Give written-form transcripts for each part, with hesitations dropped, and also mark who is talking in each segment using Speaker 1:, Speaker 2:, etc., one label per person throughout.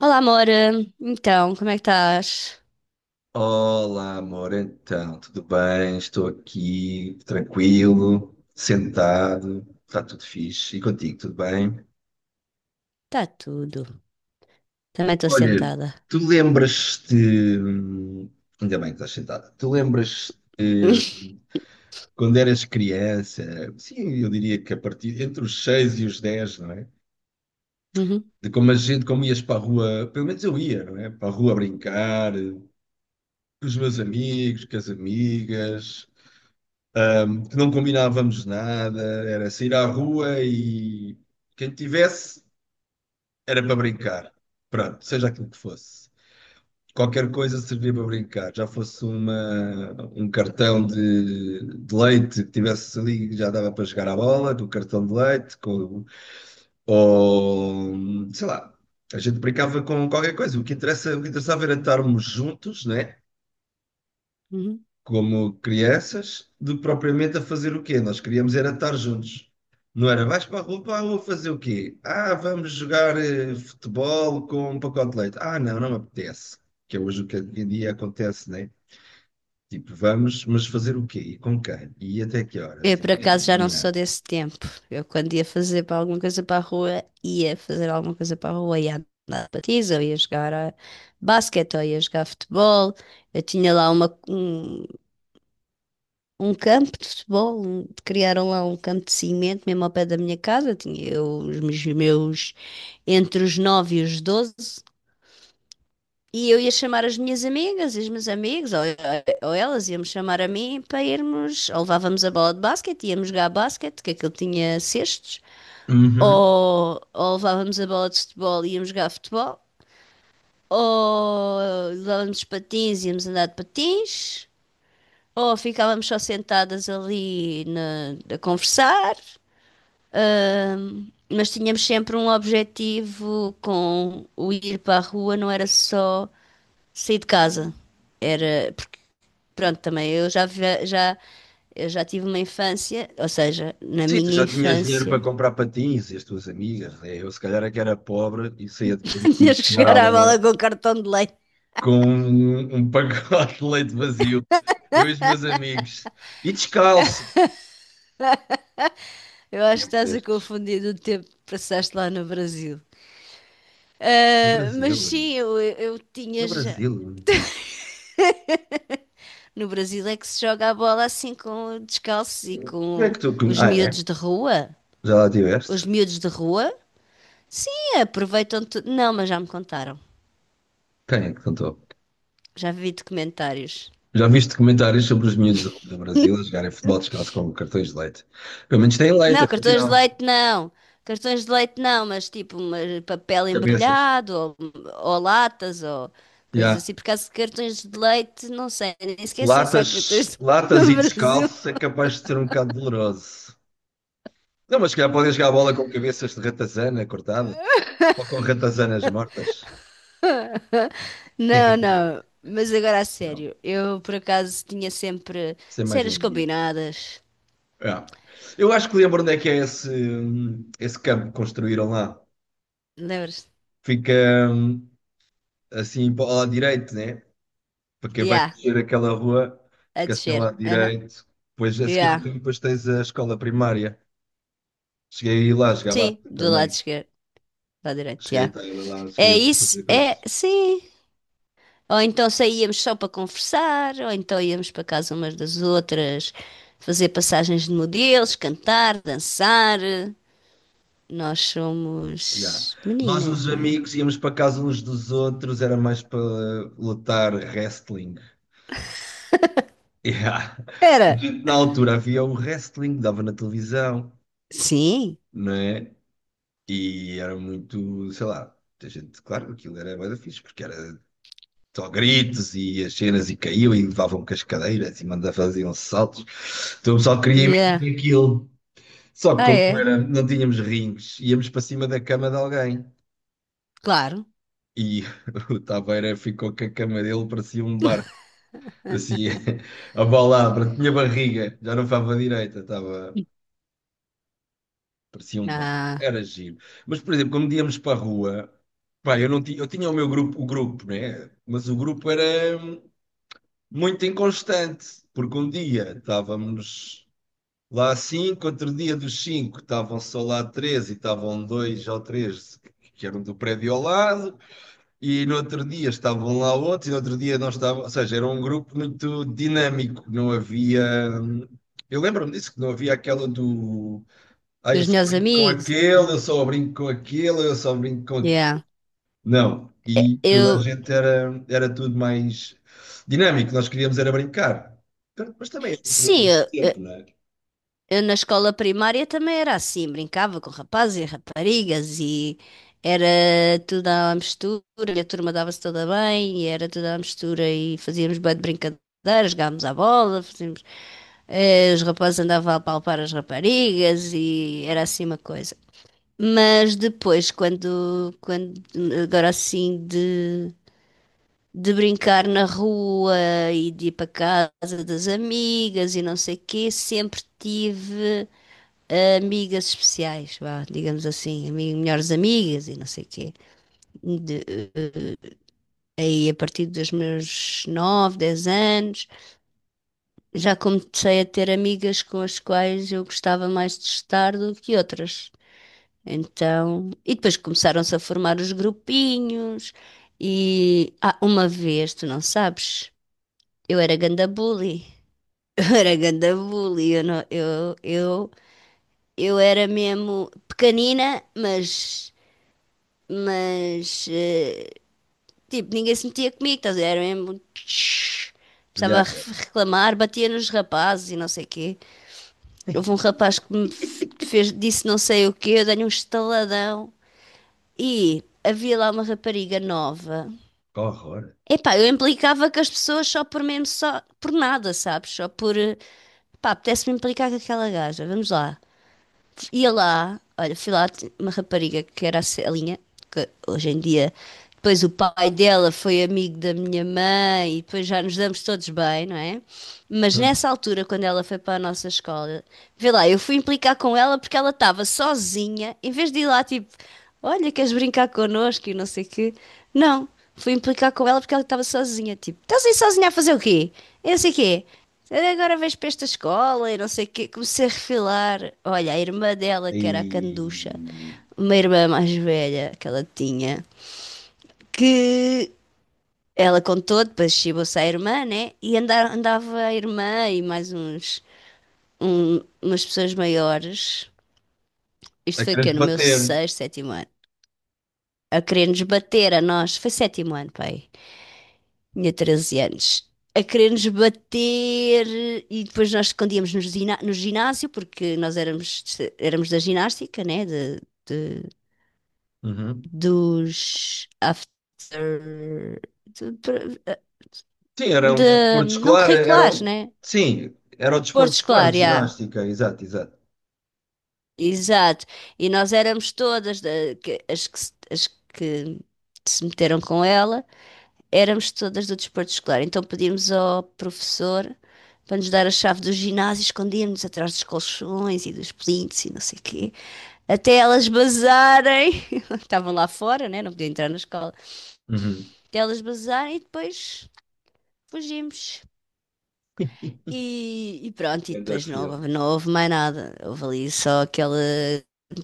Speaker 1: Olá, amor. Então, como é que estás?
Speaker 2: Olá, amor, então, tudo bem? Estou aqui, tranquilo, sentado, está tudo fixe. E contigo, tudo bem?
Speaker 1: Está tudo. Também estou
Speaker 2: Olha,
Speaker 1: sentada.
Speaker 2: tu lembras-te. hum, Ainda bem que estás sentada. Tu lembras-te quando eras criança? Sim, eu diria que a partir entre os 6 e os 10, não é?
Speaker 1: Uhum,
Speaker 2: De como a gente, como ias para a rua, pelo menos eu ia, não é? Para a rua brincar, com os meus amigos, com as amigas. Que não combinávamos nada, era sair à rua e quem tivesse era para brincar. Pronto, seja aquilo que fosse. Qualquer coisa servia para brincar, já fosse uma, um cartão de leite que tivesse ali, já dava para jogar à bola, com o cartão de leite, com, ou sei lá, a gente brincava com qualquer coisa. O que interessa, o que interessava era estarmos juntos, né?
Speaker 1: uhum.
Speaker 2: Como crianças, de propriamente a fazer o quê? Nós queríamos era estar juntos. Não era, vais para a rua fazer o quê? Ah, vamos jogar futebol com um pacote de leite. Ah, não, não me apetece. Que é hoje o que hoje em dia acontece, né? Tipo, vamos, mas fazer o quê? E com quem? E até que
Speaker 1: Eu,
Speaker 2: horas? E-
Speaker 1: por acaso, já não sou desse tempo. Eu, quando ia fazer para alguma coisa para a rua, ia fazer alguma coisa para a rua, ia andar de patins, ou ia jogar a basquete, ou ia jogar futebol. Eu tinha lá um campo de futebol, criaram lá um campo de cimento mesmo ao pé da minha casa. Tinha eu, entre os 9 e os 12. E eu ia chamar as minhas amigas e os meus amigos, ou elas iam-me chamar a mim para irmos, ou levávamos a bola de basquete, íamos jogar basquete, que aquilo tinha cestos,
Speaker 2: Uhum.
Speaker 1: ou levávamos a bola de futebol e íamos jogar futebol, ou levávamos patins e íamos andar de patins, ou ficávamos só sentadas ali a conversar, mas tínhamos sempre um objetivo com o ir para a rua, não era só sair de casa. Era pronto, também eu já tive uma infância, ou seja, na
Speaker 2: Sim, tu
Speaker 1: minha
Speaker 2: já tinhas dinheiro para
Speaker 1: infância.
Speaker 2: comprar patins e as tuas amigas, né? Eu se calhar é que era pobre e saía de casa, tinha
Speaker 1: Tinhas
Speaker 2: que
Speaker 1: que
Speaker 2: chegar
Speaker 1: chegar
Speaker 2: à
Speaker 1: à bola
Speaker 2: bala
Speaker 1: com cartão de leite.
Speaker 2: com um, um pacote de leite vazio, eu e os meus amigos, e descalço.
Speaker 1: Eu acho que
Speaker 2: Tempos
Speaker 1: estás a
Speaker 2: estes.
Speaker 1: confundir o tempo que passaste lá no Brasil.
Speaker 2: No
Speaker 1: Ah, mas
Speaker 2: Brasil,
Speaker 1: sim, eu tinha
Speaker 2: no
Speaker 1: já.
Speaker 2: Brasil.
Speaker 1: No Brasil é que se joga a bola assim com descalços e
Speaker 2: Quem é
Speaker 1: com
Speaker 2: que tu. Com-
Speaker 1: os
Speaker 2: Ah, é?
Speaker 1: miúdos de rua.
Speaker 2: Já lá
Speaker 1: Os
Speaker 2: tiveste?
Speaker 1: miúdos de rua, sim, aproveitam tudo. Não, mas já me contaram.
Speaker 2: Quem é que contou?
Speaker 1: Já vi documentários.
Speaker 2: Já viste comentários sobre os miúdos do Brasil a jogarem futebol descalço com cartões de leite? Pelo menos têm leite,
Speaker 1: Não, cartões de
Speaker 2: afinal.
Speaker 1: leite não. Cartões de leite não, mas tipo papel
Speaker 2: Cabeças.
Speaker 1: embrulhado ou latas ou coisas
Speaker 2: Já.
Speaker 1: assim. Por causa de cartões de leite, não sei, nem sequer sei se há
Speaker 2: Latas,
Speaker 1: cartões de leite
Speaker 2: latas
Speaker 1: no
Speaker 2: e
Speaker 1: Brasil.
Speaker 2: descalço é capaz de ser um bocado doloroso. Não, mas se calhar podem jogar a bola com cabeças de ratazana cortadas ou com ratazanas mortas.
Speaker 1: Não, não. Mas agora a
Speaker 2: Não,
Speaker 1: sério, eu por acaso tinha sempre
Speaker 2: sem mais na
Speaker 1: cenas
Speaker 2: Índia.
Speaker 1: combinadas.
Speaker 2: É. Eu acho que lembro onde é que é esse, esse campo que construíram lá.
Speaker 1: Lembras-te?
Speaker 2: Fica hum, assim para o lado direito, né? Para quem vai
Speaker 1: Yeah,
Speaker 2: descer aquela rua,
Speaker 1: a
Speaker 2: fica assim ao
Speaker 1: descer.
Speaker 2: lado
Speaker 1: Aham.
Speaker 2: direito. Depois a seguir ao
Speaker 1: Yeah.
Speaker 2: caminho, depois tens a escola primária. Cheguei a ir lá, jogava
Speaker 1: Sim, do lado
Speaker 2: também.
Speaker 1: esquerdo, lado direito,
Speaker 2: Cheguei a
Speaker 1: yeah.
Speaker 2: estar lá, cheguei
Speaker 1: É
Speaker 2: a
Speaker 1: isso?
Speaker 2: fazer
Speaker 1: É,
Speaker 2: coisas.
Speaker 1: sim. Ou então saíamos só para conversar, ou então íamos para casa umas das outras, fazer passagens de modelos, cantar, dançar. Nós
Speaker 2: Ya.
Speaker 1: somos
Speaker 2: Nós,
Speaker 1: meninas,
Speaker 2: os
Speaker 1: não é?
Speaker 2: amigos, íamos para casa uns dos outros, era mais para lutar wrestling. Ya. A
Speaker 1: Era.
Speaker 2: gente, na altura havia o wrestling, dava na televisão,
Speaker 1: Sim.
Speaker 2: não é? E era muito, sei lá, a gente, claro, aquilo era bué da fixe, porque era só gritos e as cenas e caiu e levavam com as cadeiras e mandavam faziam saltos. Então o pessoal queria imitar
Speaker 1: Yeah.
Speaker 2: aquilo. Só que
Speaker 1: Ah,
Speaker 2: como não
Speaker 1: é?
Speaker 2: era, não tínhamos rings, íamos para cima da cama de alguém.
Speaker 1: Claro.
Speaker 2: E o Taveira ficou com a cama dele, parecia um barco, assim, a balabra tinha barriga, já não estava direita, estava, parecia um barco,
Speaker 1: Ah,
Speaker 2: era giro. Mas, por exemplo, quando íamos para a rua, pá, eu não tinha, eu tinha o meu grupo, o grupo, né? Mas o grupo era muito inconstante, porque um dia estávamos lá cinco, outro dia dos cinco estavam só lá três e estavam dois ou três que eram do prédio ao lado. E no outro dia estavam lá outros, e no outro dia não estavam, ou seja, era um grupo muito dinâmico, não havia. Eu lembro-me disso, que não havia aquela do. Ah, eu
Speaker 1: dos
Speaker 2: só
Speaker 1: meus
Speaker 2: brinco com
Speaker 1: amigos e
Speaker 2: aquele, eu
Speaker 1: tudo.
Speaker 2: só brinco com aquele, eu só brinco com
Speaker 1: Yeah.
Speaker 2: aquele. Não. E toda a
Speaker 1: Eu,
Speaker 2: gente era, era tudo mais dinâmico, nós queríamos era brincar. Mas também é outro
Speaker 1: sim,
Speaker 2: outro
Speaker 1: eu,
Speaker 2: tempo, não é?
Speaker 1: Eu na escola primária também era assim, brincava com rapazes e raparigas e era tudo à mistura, e a turma dava-se toda bem, e era tudo à mistura e fazíamos bué de brincadeiras, jogávamos à bola, fazíamos, os rapazes andavam a palpar as raparigas e era assim uma coisa. Mas depois, quando agora assim de brincar na rua e de ir para casa das amigas e não sei o quê, sempre tive amigas especiais, vá, digamos assim, melhores amigas e não sei o quê. De, eh, Aí a partir dos meus 9, 10 anos, já comecei a ter amigas com as quais eu gostava mais de estar do que outras. Então, e depois começaram-se a formar os grupinhos e ah, uma vez, tu não sabes, eu era ganda bully. Eu era ganda bully, eu, não- eu era mesmo pequenina, mas tipo, ninguém se metia comigo, estás a ver? Era mesmo. Tsh. Precisava
Speaker 2: Velhaca,
Speaker 1: reclamar, batia nos rapazes e não sei o quê. Houve um rapaz que me fez, disse não sei o quê, eu dei-lhe um estaladão. E havia lá uma rapariga nova.
Speaker 2: que horror.
Speaker 1: Epá, eu implicava com as pessoas só por mesmo, só por nada, sabes? Pá, apetece-me implicar com aquela gaja, vamos lá. Olha, fui lá, uma rapariga que era a Celinha, que hoje em dia, depois o pai dela foi amigo da minha mãe e depois já nos damos todos bem, não é? Mas
Speaker 2: Hum.
Speaker 1: nessa altura, quando ela foi para a nossa escola, vê lá, eu fui implicar com ela porque ela estava sozinha, em vez de ir lá tipo, olha, queres brincar connosco e não sei o quê. Não, fui implicar com ela porque ela estava sozinha, tipo, estás aí sozinha a fazer o quê? Eu não sei o quê. Eu agora vejo para esta escola e não sei o quê. Comecei a refilar. Olha, a irmã dela, que era a Canducha,
Speaker 2: E.
Speaker 1: uma irmã mais velha que ela tinha, que ela contou, depois chibou-se à irmã, né? E andava a irmã e mais umas pessoas maiores.
Speaker 2: A
Speaker 1: Isto foi o quê?
Speaker 2: querer
Speaker 1: No meu
Speaker 2: bater.
Speaker 1: sexto, sétimo ano. A querer-nos bater a nós. Foi sétimo ano, pai. Tinha 13 anos, a querer-nos bater e depois nós escondíamos nos no ginásio, porque nós éramos da ginástica, né? De-
Speaker 2: Uhum.
Speaker 1: dos after. de-
Speaker 2: Sim, era um desporto
Speaker 1: não
Speaker 2: escolar, era,
Speaker 1: curriculares,
Speaker 2: um-
Speaker 1: né?
Speaker 2: sim, era o
Speaker 1: Porto
Speaker 2: desporto escolar
Speaker 1: escolar,
Speaker 2: de
Speaker 1: já.
Speaker 2: ginástica, exato, exato.
Speaker 1: Exato. E nós éramos todas as que, as que se meteram com ela. Éramos todas do desporto escolar, então pedíamos ao professor para nos dar a chave do ginásio, escondíamos atrás dos colchões e dos plintos e não sei o quê, até elas basarem, estavam lá fora, né? Não podiam entrar na escola,
Speaker 2: Uhum.
Speaker 1: até elas basarem e depois fugimos. E pronto, e
Speaker 2: Ganda
Speaker 1: depois não,
Speaker 2: filme.
Speaker 1: não houve mais nada, houve ali só aquele,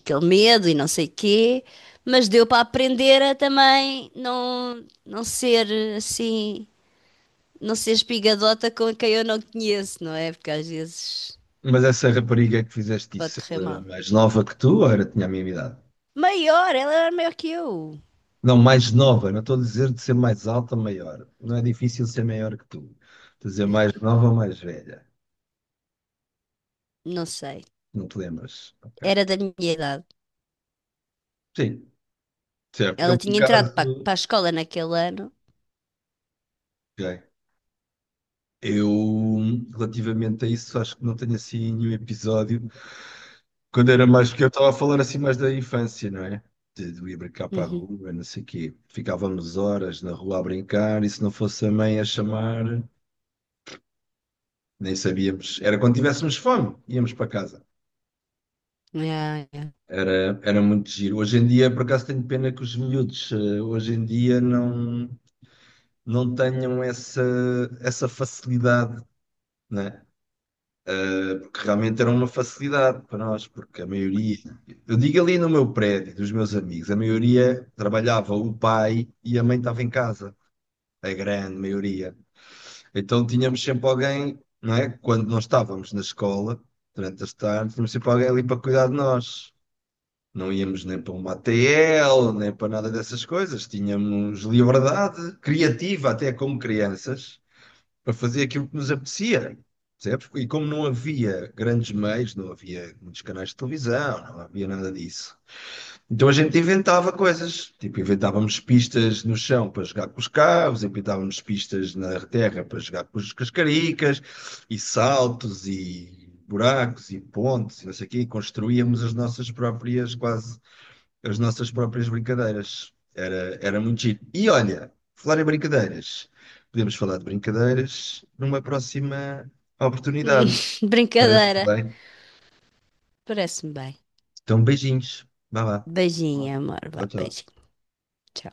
Speaker 1: aquele medo e não sei o quê, mas deu para aprender a também não, não ser assim, não ser espigadota com quem eu não conheço, não é? Porque às vezes
Speaker 2: Mas essa rapariga que fizeste
Speaker 1: pode
Speaker 2: isso,
Speaker 1: correr
Speaker 2: ela era
Speaker 1: mal.
Speaker 2: mais nova que tu ou era, tinha a mesma idade?
Speaker 1: Maior, ela era maior que eu.
Speaker 2: Não, mais nova, não estou a dizer de ser mais alta ou maior. Não é difícil ser maior que tu. Estou a dizer mais nova ou mais velha.
Speaker 1: Não sei.
Speaker 2: Não te lembras? Ok.
Speaker 1: Era da minha idade.
Speaker 2: Sim, certo. Eu,
Speaker 1: Ela
Speaker 2: por
Speaker 1: tinha entrado para,
Speaker 2: acaso,
Speaker 1: para a escola naquele ano.
Speaker 2: ok. Eu, relativamente a isso, acho que não tenho assim nenhum episódio. Quando era mais pequeno, eu estava a falar assim mais da infância, não é? De ir brincar para a
Speaker 1: Uhum.
Speaker 2: rua, não sei o quê. Ficávamos horas na rua a brincar e se não fosse a mãe a chamar, nem sabíamos. Era quando tivéssemos fome, íamos para casa.
Speaker 1: Yeah, yeah.
Speaker 2: Era muito giro. Hoje em dia, por acaso, tenho pena que os miúdos, hoje em dia, não, não tenham essa, essa facilidade, né? Porque realmente era uma facilidade para nós, porque a maioria, eu digo ali no meu prédio, dos meus amigos, a maioria trabalhava o pai e a mãe estava em casa, a grande maioria. Então tínhamos sempre alguém, não é? Quando nós estávamos na escola, durante as tardes, tínhamos sempre alguém ali para cuidar de nós. Não íamos nem para uma ATL, nem para nada dessas coisas. Tínhamos liberdade criativa até como crianças para fazer aquilo que nos apetecia, percebes? E como não havia grandes meios, não havia muitos canais de televisão, não havia nada disso. Então a gente inventava coisas, tipo inventávamos pistas no chão para jogar com os carros, inventávamos pistas na terra para jogar com os- com as cascaricas, e saltos, e buracos, e pontes, e não sei o quê, e construíamos as nossas próprias quase as nossas próprias brincadeiras. Era, era muito giro. E olha, falar em brincadeiras, podemos falar de brincadeiras numa próxima oportunidade. Parece-te
Speaker 1: Brincadeira.
Speaker 2: bem?
Speaker 1: Parece-me bem.
Speaker 2: Então, beijinhos. Vá lá.
Speaker 1: Beijinho, amor.
Speaker 2: Tchau,
Speaker 1: Vá,
Speaker 2: tchau.
Speaker 1: beijinho. Tchau.